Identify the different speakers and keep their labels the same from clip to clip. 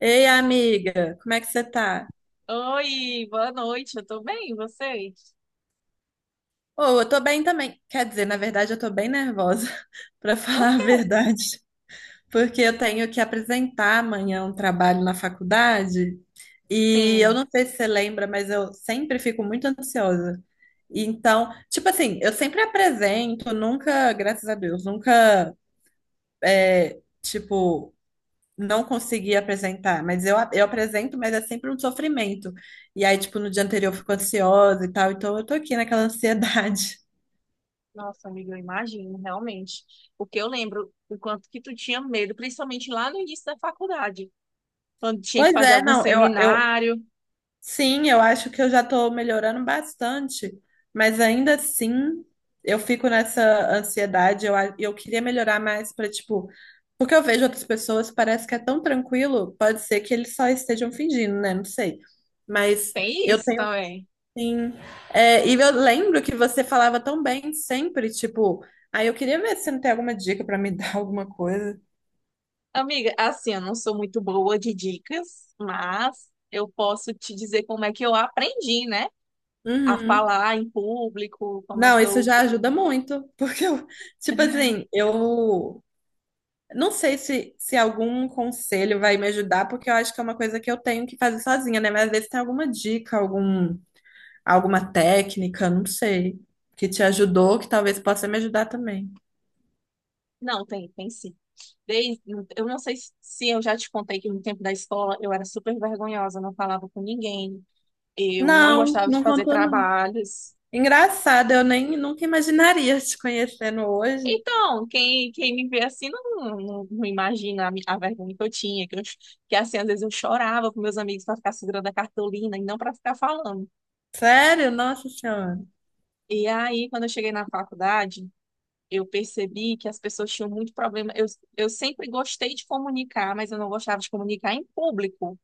Speaker 1: Ei, amiga, como é que você tá?
Speaker 2: Oi, boa noite, eu tô bem, e vocês?
Speaker 1: Oh, eu tô bem também. Quer dizer, na verdade, eu tô bem nervosa, pra
Speaker 2: Por
Speaker 1: falar a
Speaker 2: quê?
Speaker 1: verdade, porque eu tenho que apresentar amanhã um trabalho na faculdade e eu
Speaker 2: Sim,
Speaker 1: não sei se você lembra, mas eu sempre fico muito ansiosa. Então, tipo assim, eu sempre apresento, nunca, graças a Deus, nunca, tipo, não consegui apresentar, mas eu apresento, mas é sempre um sofrimento. E aí, tipo, no dia anterior eu fico ansiosa e tal, então eu tô aqui naquela ansiedade.
Speaker 2: nossa amiga, eu imagino, realmente. O que eu lembro o quanto que tu tinha medo, principalmente lá no início da faculdade, quando tinha que
Speaker 1: Pois
Speaker 2: fazer
Speaker 1: é,
Speaker 2: algum
Speaker 1: não, eu
Speaker 2: seminário,
Speaker 1: sim, eu acho que eu já tô melhorando bastante, mas ainda assim eu fico nessa ansiedade, eu, eu queria melhorar mais pra, tipo, porque eu vejo outras pessoas, parece que é tão tranquilo, pode ser que eles só estejam fingindo, né? Não sei. Mas
Speaker 2: tem
Speaker 1: eu
Speaker 2: isso
Speaker 1: tenho.
Speaker 2: também.
Speaker 1: Sim. É, e eu lembro que você falava tão bem sempre, tipo, aí eu queria ver se você não tem alguma dica pra me dar alguma coisa.
Speaker 2: Amiga, assim, eu não sou muito boa de dicas, mas eu posso te dizer como é que eu aprendi, né? A
Speaker 1: Uhum.
Speaker 2: falar em público, como é
Speaker 1: Não,
Speaker 2: que
Speaker 1: isso
Speaker 2: eu
Speaker 1: já ajuda muito, porque eu, tipo assim, eu não sei se algum conselho vai me ajudar, porque eu acho que é uma coisa que eu tenho que fazer sozinha, né? Mas às vezes tem alguma dica, algum, alguma técnica, não sei, que te ajudou, que talvez possa me ajudar também.
Speaker 2: Não, tem, tem sim. Desde, eu não sei se eu já te contei que no tempo da escola eu era super vergonhosa, não falava com ninguém, eu não
Speaker 1: Não,
Speaker 2: gostava de
Speaker 1: não
Speaker 2: fazer
Speaker 1: contou, não.
Speaker 2: trabalhos.
Speaker 1: Engraçado, eu nem nunca imaginaria te conhecendo hoje.
Speaker 2: Então, quem me vê assim não imagina a vergonha que eu tinha, que assim, às vezes eu chorava com meus amigos para ficar segurando a cartolina e não para ficar falando.
Speaker 1: Sério? Nossa Senhora.
Speaker 2: E aí, quando eu cheguei na faculdade, eu percebi que as pessoas tinham muito problema. Eu sempre gostei de comunicar, mas eu não gostava de comunicar em público.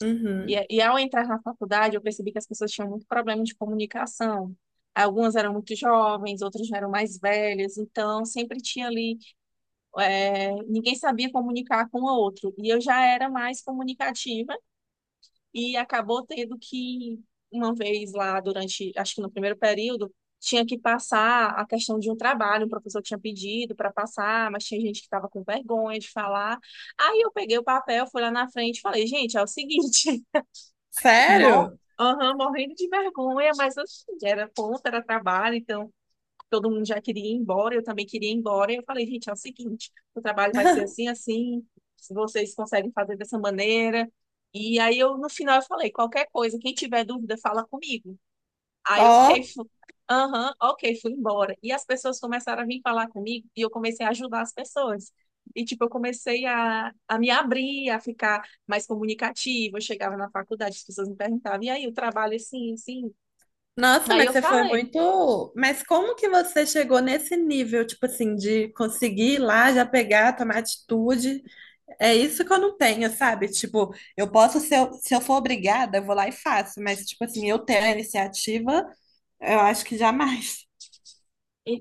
Speaker 1: Uhum.
Speaker 2: E ao entrar na faculdade, eu percebi que as pessoas tinham muito problema de comunicação. Algumas eram muito jovens, outras já eram mais velhas, então sempre tinha ali, ninguém sabia comunicar com o outro. E eu já era mais comunicativa e acabou uma vez lá durante, acho que no primeiro período, tinha que passar a questão de um trabalho, o professor tinha pedido para passar, mas tinha gente que estava com vergonha de falar. Aí eu peguei o papel, fui lá na frente e falei, gente, é o seguinte. Mor
Speaker 1: Sério?
Speaker 2: Aham, morrendo de vergonha, mas assim, era ponta, era trabalho, então todo mundo já queria ir embora, eu também queria ir embora. E eu falei, gente, é o seguinte, o trabalho vai ser assim, assim, se vocês conseguem fazer dessa maneira. E aí eu, no final, eu falei, qualquer coisa, quem tiver dúvida, fala comigo. Aí, ok,
Speaker 1: Ó,
Speaker 2: aham, ok, fui embora. E as pessoas começaram a vir falar comigo e eu comecei a ajudar as pessoas. E, tipo, eu comecei a me abrir, a ficar mais comunicativa. Eu chegava na faculdade, as pessoas me perguntavam, e aí, o trabalho é assim, assim.
Speaker 1: nossa,
Speaker 2: Aí
Speaker 1: mas
Speaker 2: eu
Speaker 1: você foi
Speaker 2: falei,
Speaker 1: muito. Mas como que você chegou nesse nível, tipo assim, de conseguir ir lá já pegar, tomar atitude? É isso que eu não tenho, sabe? Tipo, eu posso, se eu for obrigada, eu vou lá e faço, mas, tipo assim, eu ter a iniciativa, eu acho que jamais.
Speaker 2: e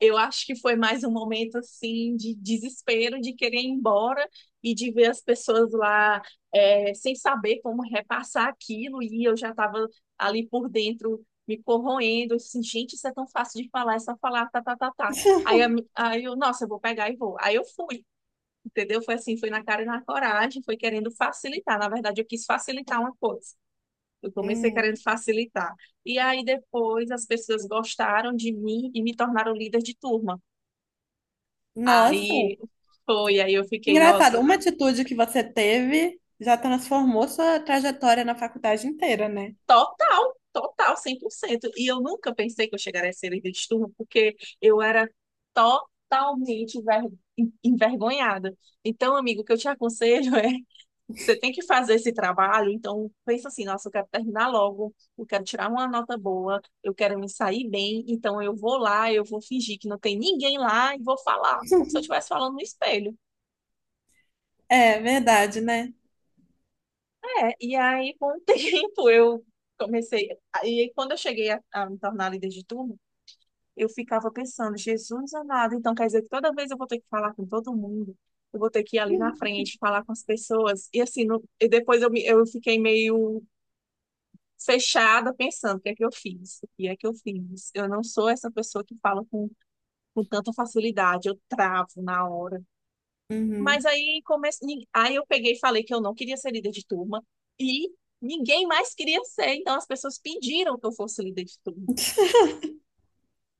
Speaker 2: Eu acho que foi mais um momento assim de desespero, de querer ir embora e de ver as pessoas lá sem saber como repassar aquilo. E eu já estava ali por dentro me corroendo, assim, gente, isso é tão fácil de falar, é só falar, tá, tá, tá, tá. Aí eu, nossa, eu vou pegar e vou. Aí eu fui, entendeu? Foi assim, foi na cara e na coragem, foi querendo facilitar. Na verdade, eu quis facilitar uma coisa. Eu comecei
Speaker 1: Hum.
Speaker 2: querendo facilitar. E aí depois as pessoas gostaram de mim e me tornaram líder de turma.
Speaker 1: Nossa.
Speaker 2: Aí foi, aí eu fiquei,
Speaker 1: Engraçado,
Speaker 2: nossa,
Speaker 1: uma atitude que você teve já transformou sua trajetória na faculdade inteira, né?
Speaker 2: total, total, 100%. E eu nunca pensei que eu chegaria a ser líder de turma, porque eu era totalmente envergonhada. Então, amigo, o que eu te aconselho é, você tem que fazer esse trabalho, então pensa assim, nossa, eu quero terminar logo, eu quero tirar uma nota boa, eu quero me sair bem, então eu vou lá, eu vou fingir que não tem ninguém lá e vou falar, como se eu estivesse falando no espelho.
Speaker 1: É verdade, né?
Speaker 2: É, e aí com o tempo eu comecei, e aí, quando eu cheguei a me tornar líder de turma, eu ficava pensando, Jesus amado, então quer dizer que toda vez eu vou ter que falar com todo mundo, eu vou ter que ir ali na frente, falar com as pessoas, e assim, e depois eu fiquei meio fechada pensando, o que é que eu fiz? O que é que eu fiz? Eu não sou essa pessoa que fala com tanta facilidade, eu travo na hora. Mas
Speaker 1: Uhum.
Speaker 2: aí eu peguei e falei que eu não queria ser líder de turma e ninguém mais queria ser, então as pessoas pediram que eu fosse líder de turma.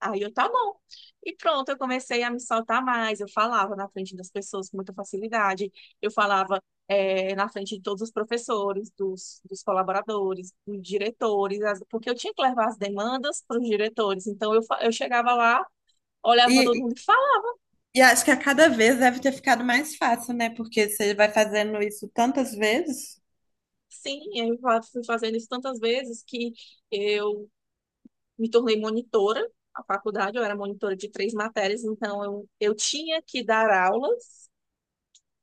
Speaker 2: Aí eu, tá bom. E pronto, eu comecei a me soltar mais. Eu falava na frente das pessoas com muita facilidade. Eu falava na frente de todos os professores, dos colaboradores, dos diretores, porque eu tinha que levar as demandas para os diretores. Então eu chegava lá, olhava para todo
Speaker 1: E,
Speaker 2: mundo e falava
Speaker 1: e acho que a cada vez deve ter ficado mais fácil, né? Porque você vai fazendo isso tantas vezes.
Speaker 2: assim. Fui fazendo isso tantas vezes que eu me tornei monitora a faculdade, eu era monitora de 3 matérias, então eu tinha que dar aulas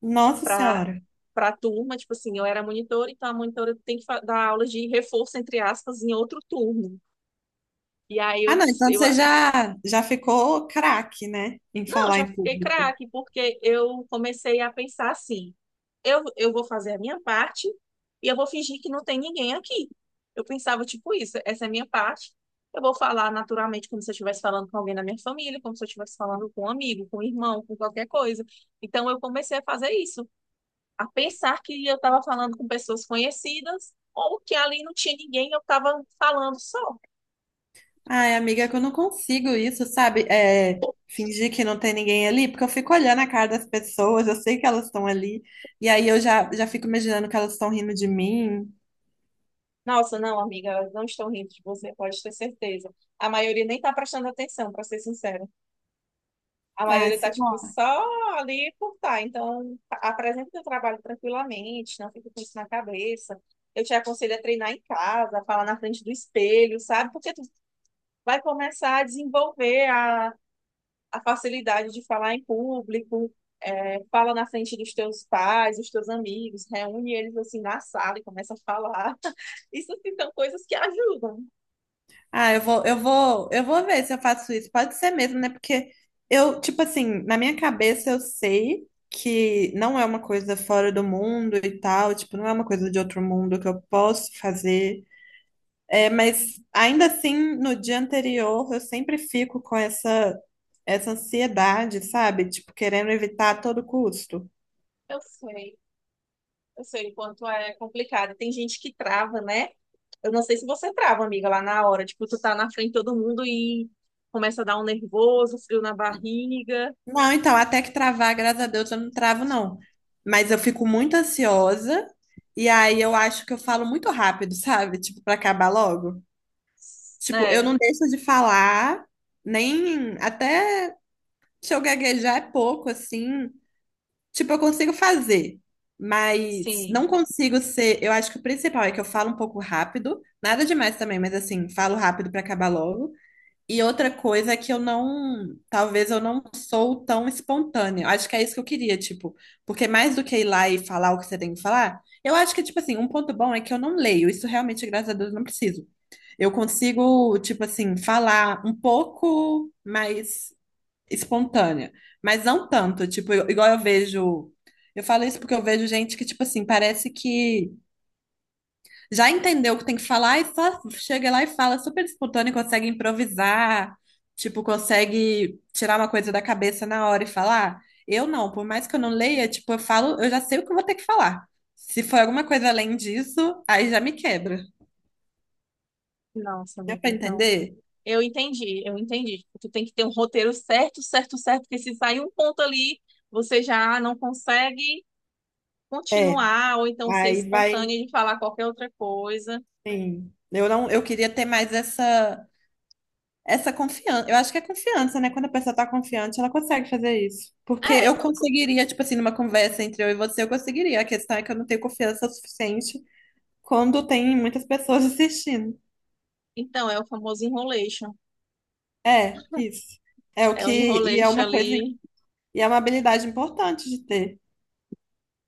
Speaker 1: Nossa
Speaker 2: para
Speaker 1: Senhora.
Speaker 2: para a turma, tipo assim, eu era monitora, então a monitora tem que dar aulas de reforço, entre aspas, em outro turno. E aí
Speaker 1: Ah,
Speaker 2: eu,
Speaker 1: não, então
Speaker 2: eu
Speaker 1: você já, já ficou craque, né? Em
Speaker 2: Não,
Speaker 1: falar
Speaker 2: já
Speaker 1: em
Speaker 2: fiquei
Speaker 1: público.
Speaker 2: craque, porque eu comecei a pensar assim: eu vou fazer a minha parte e eu vou fingir que não tem ninguém aqui. Eu pensava, tipo, isso, essa é a minha parte. Eu vou falar naturalmente, como se eu estivesse falando com alguém da minha família, como se eu estivesse falando com um amigo, com um irmão, com qualquer coisa. Então, eu comecei a fazer isso, a pensar que eu estava falando com pessoas conhecidas ou que ali não tinha ninguém, eu estava falando só.
Speaker 1: Ai, amiga, é que eu não consigo isso, sabe? É, fingir que não tem ninguém ali, porque eu fico olhando a cara das pessoas, eu sei que elas estão ali, e aí eu já, já fico imaginando que elas estão rindo de mim.
Speaker 2: Nossa, não, amiga, elas não estão rindo de você, pode ter certeza. A maioria nem tá prestando atenção, para ser sincera. A
Speaker 1: Ai,
Speaker 2: maioria tá,
Speaker 1: sei
Speaker 2: tipo,
Speaker 1: lá.
Speaker 2: só ali por tá. Então, apresenta o teu trabalho tranquilamente, não fica com isso na cabeça. Eu te aconselho a treinar em casa, a falar na frente do espelho, sabe? Porque tu vai começar a desenvolver a facilidade de falar em público, fala na frente dos teus pais, dos teus amigos, reúne eles, assim, na sala e começa a falar. Isso, assim, são coisas que ajudam.
Speaker 1: Ah, eu vou, eu vou, eu vou ver se eu faço isso. Pode ser mesmo, né? Porque eu, tipo assim, na minha cabeça eu sei que não é uma coisa fora do mundo e tal, tipo, não é uma coisa de outro mundo que eu posso fazer. É, mas ainda assim, no dia anterior, eu sempre fico com essa, essa ansiedade, sabe? Tipo, querendo evitar a todo custo.
Speaker 2: Eu sei, eu sei o quanto é complicado. Tem gente que trava, né? Eu não sei se você trava, amiga, lá na hora. Tipo, tu tá na frente de todo mundo e começa a dar um nervoso, frio na barriga.
Speaker 1: Não, então, até que travar, graças a Deus, eu não travo, não. Mas eu fico muito ansiosa, e aí eu acho que eu falo muito rápido, sabe? Tipo, pra acabar logo. Tipo, eu
Speaker 2: É,
Speaker 1: não deixo de falar, nem até se eu gaguejar é pouco, assim. Tipo, eu consigo fazer, mas
Speaker 2: sim.
Speaker 1: não consigo ser. Eu acho que o principal é que eu falo um pouco rápido, nada demais também, mas assim, falo rápido pra acabar logo. E outra coisa é que eu não, talvez eu não sou tão espontânea. Eu acho que é isso que eu queria, tipo, porque mais do que ir lá e falar o que você tem que falar, eu acho que, tipo assim, um ponto bom é que eu não leio. Isso realmente, graças a Deus, eu não preciso. Eu consigo, tipo assim, falar um pouco, mas espontânea, mas não tanto, tipo, igual eu vejo. Eu falo isso porque eu vejo gente que, tipo assim, parece que já entendeu o que tem que falar e só chega lá e fala super espontâneo, consegue improvisar, tipo, consegue tirar uma coisa da cabeça na hora e falar. Eu não, por mais que eu não leia, tipo, eu falo, eu já sei o que eu vou ter que falar. Se for alguma coisa além disso, aí já me quebra.
Speaker 2: Nossa,
Speaker 1: Deu
Speaker 2: amiga,
Speaker 1: pra
Speaker 2: então.
Speaker 1: entender?
Speaker 2: Eu entendi, eu entendi. Tipo, tu tem que ter um roteiro certo, certo, certo, porque se sair um ponto ali, você já não consegue
Speaker 1: É,
Speaker 2: continuar, ou então ser
Speaker 1: aí vai,
Speaker 2: espontânea de falar qualquer outra coisa.
Speaker 1: sim. Eu não, eu queria ter mais essa. Essa confiança, eu acho que é confiança, né? Quando a pessoa tá confiante, ela consegue fazer isso. Porque
Speaker 2: É,
Speaker 1: eu conseguiria, tipo assim, numa conversa entre eu e você, eu conseguiria. A questão é que eu não tenho confiança o suficiente quando tem muitas pessoas assistindo.
Speaker 2: então é o famoso enrolation.
Speaker 1: É, isso. É o
Speaker 2: É o
Speaker 1: que, e é
Speaker 2: enrolation
Speaker 1: uma coisa,
Speaker 2: ali.
Speaker 1: e é uma habilidade importante de ter.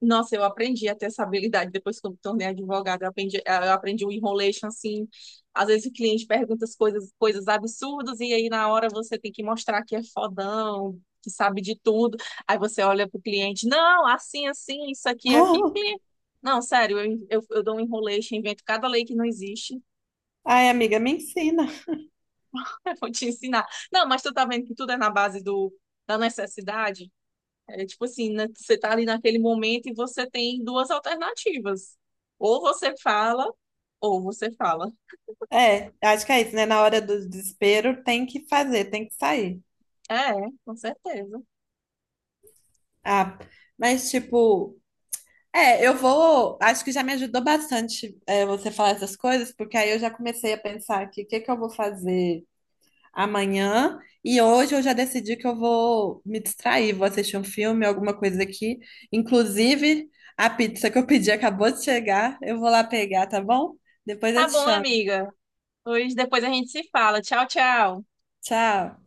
Speaker 2: Nossa, eu aprendi a ter essa habilidade depois que eu me tornei advogada. Eu eu aprendi o enrolation, assim. Às vezes o cliente pergunta as coisas, coisas absurdas, e aí na hora você tem que mostrar que é fodão, que sabe de tudo. Aí você olha pro cliente, não, assim, assim, isso aqui, aqui. Não, sério, eu dou um enrolation, invento cada lei que não existe.
Speaker 1: Ah, ai, amiga, me ensina.
Speaker 2: Eu vou te ensinar. Não, mas tu tá vendo que tudo é na base da necessidade? É tipo assim, né, você tá ali naquele momento e você tem duas alternativas. Ou você fala, ou você fala.
Speaker 1: É, acho que é isso, né? Na hora do desespero, tem que fazer, tem que sair.
Speaker 2: É, com certeza.
Speaker 1: Ah, mas, tipo. É, eu vou. Acho que já me ajudou bastante, é, você falar essas coisas, porque aí eu já comecei a pensar aqui o que que eu vou fazer amanhã. E hoje eu já decidi que eu vou me distrair, vou assistir um filme, alguma coisa aqui. Inclusive, a pizza que eu pedi acabou de chegar. Eu vou lá pegar, tá bom? Depois eu
Speaker 2: Tá
Speaker 1: te
Speaker 2: bom,
Speaker 1: chamo.
Speaker 2: amiga. Pois depois a gente se fala. Tchau, tchau.
Speaker 1: Tchau.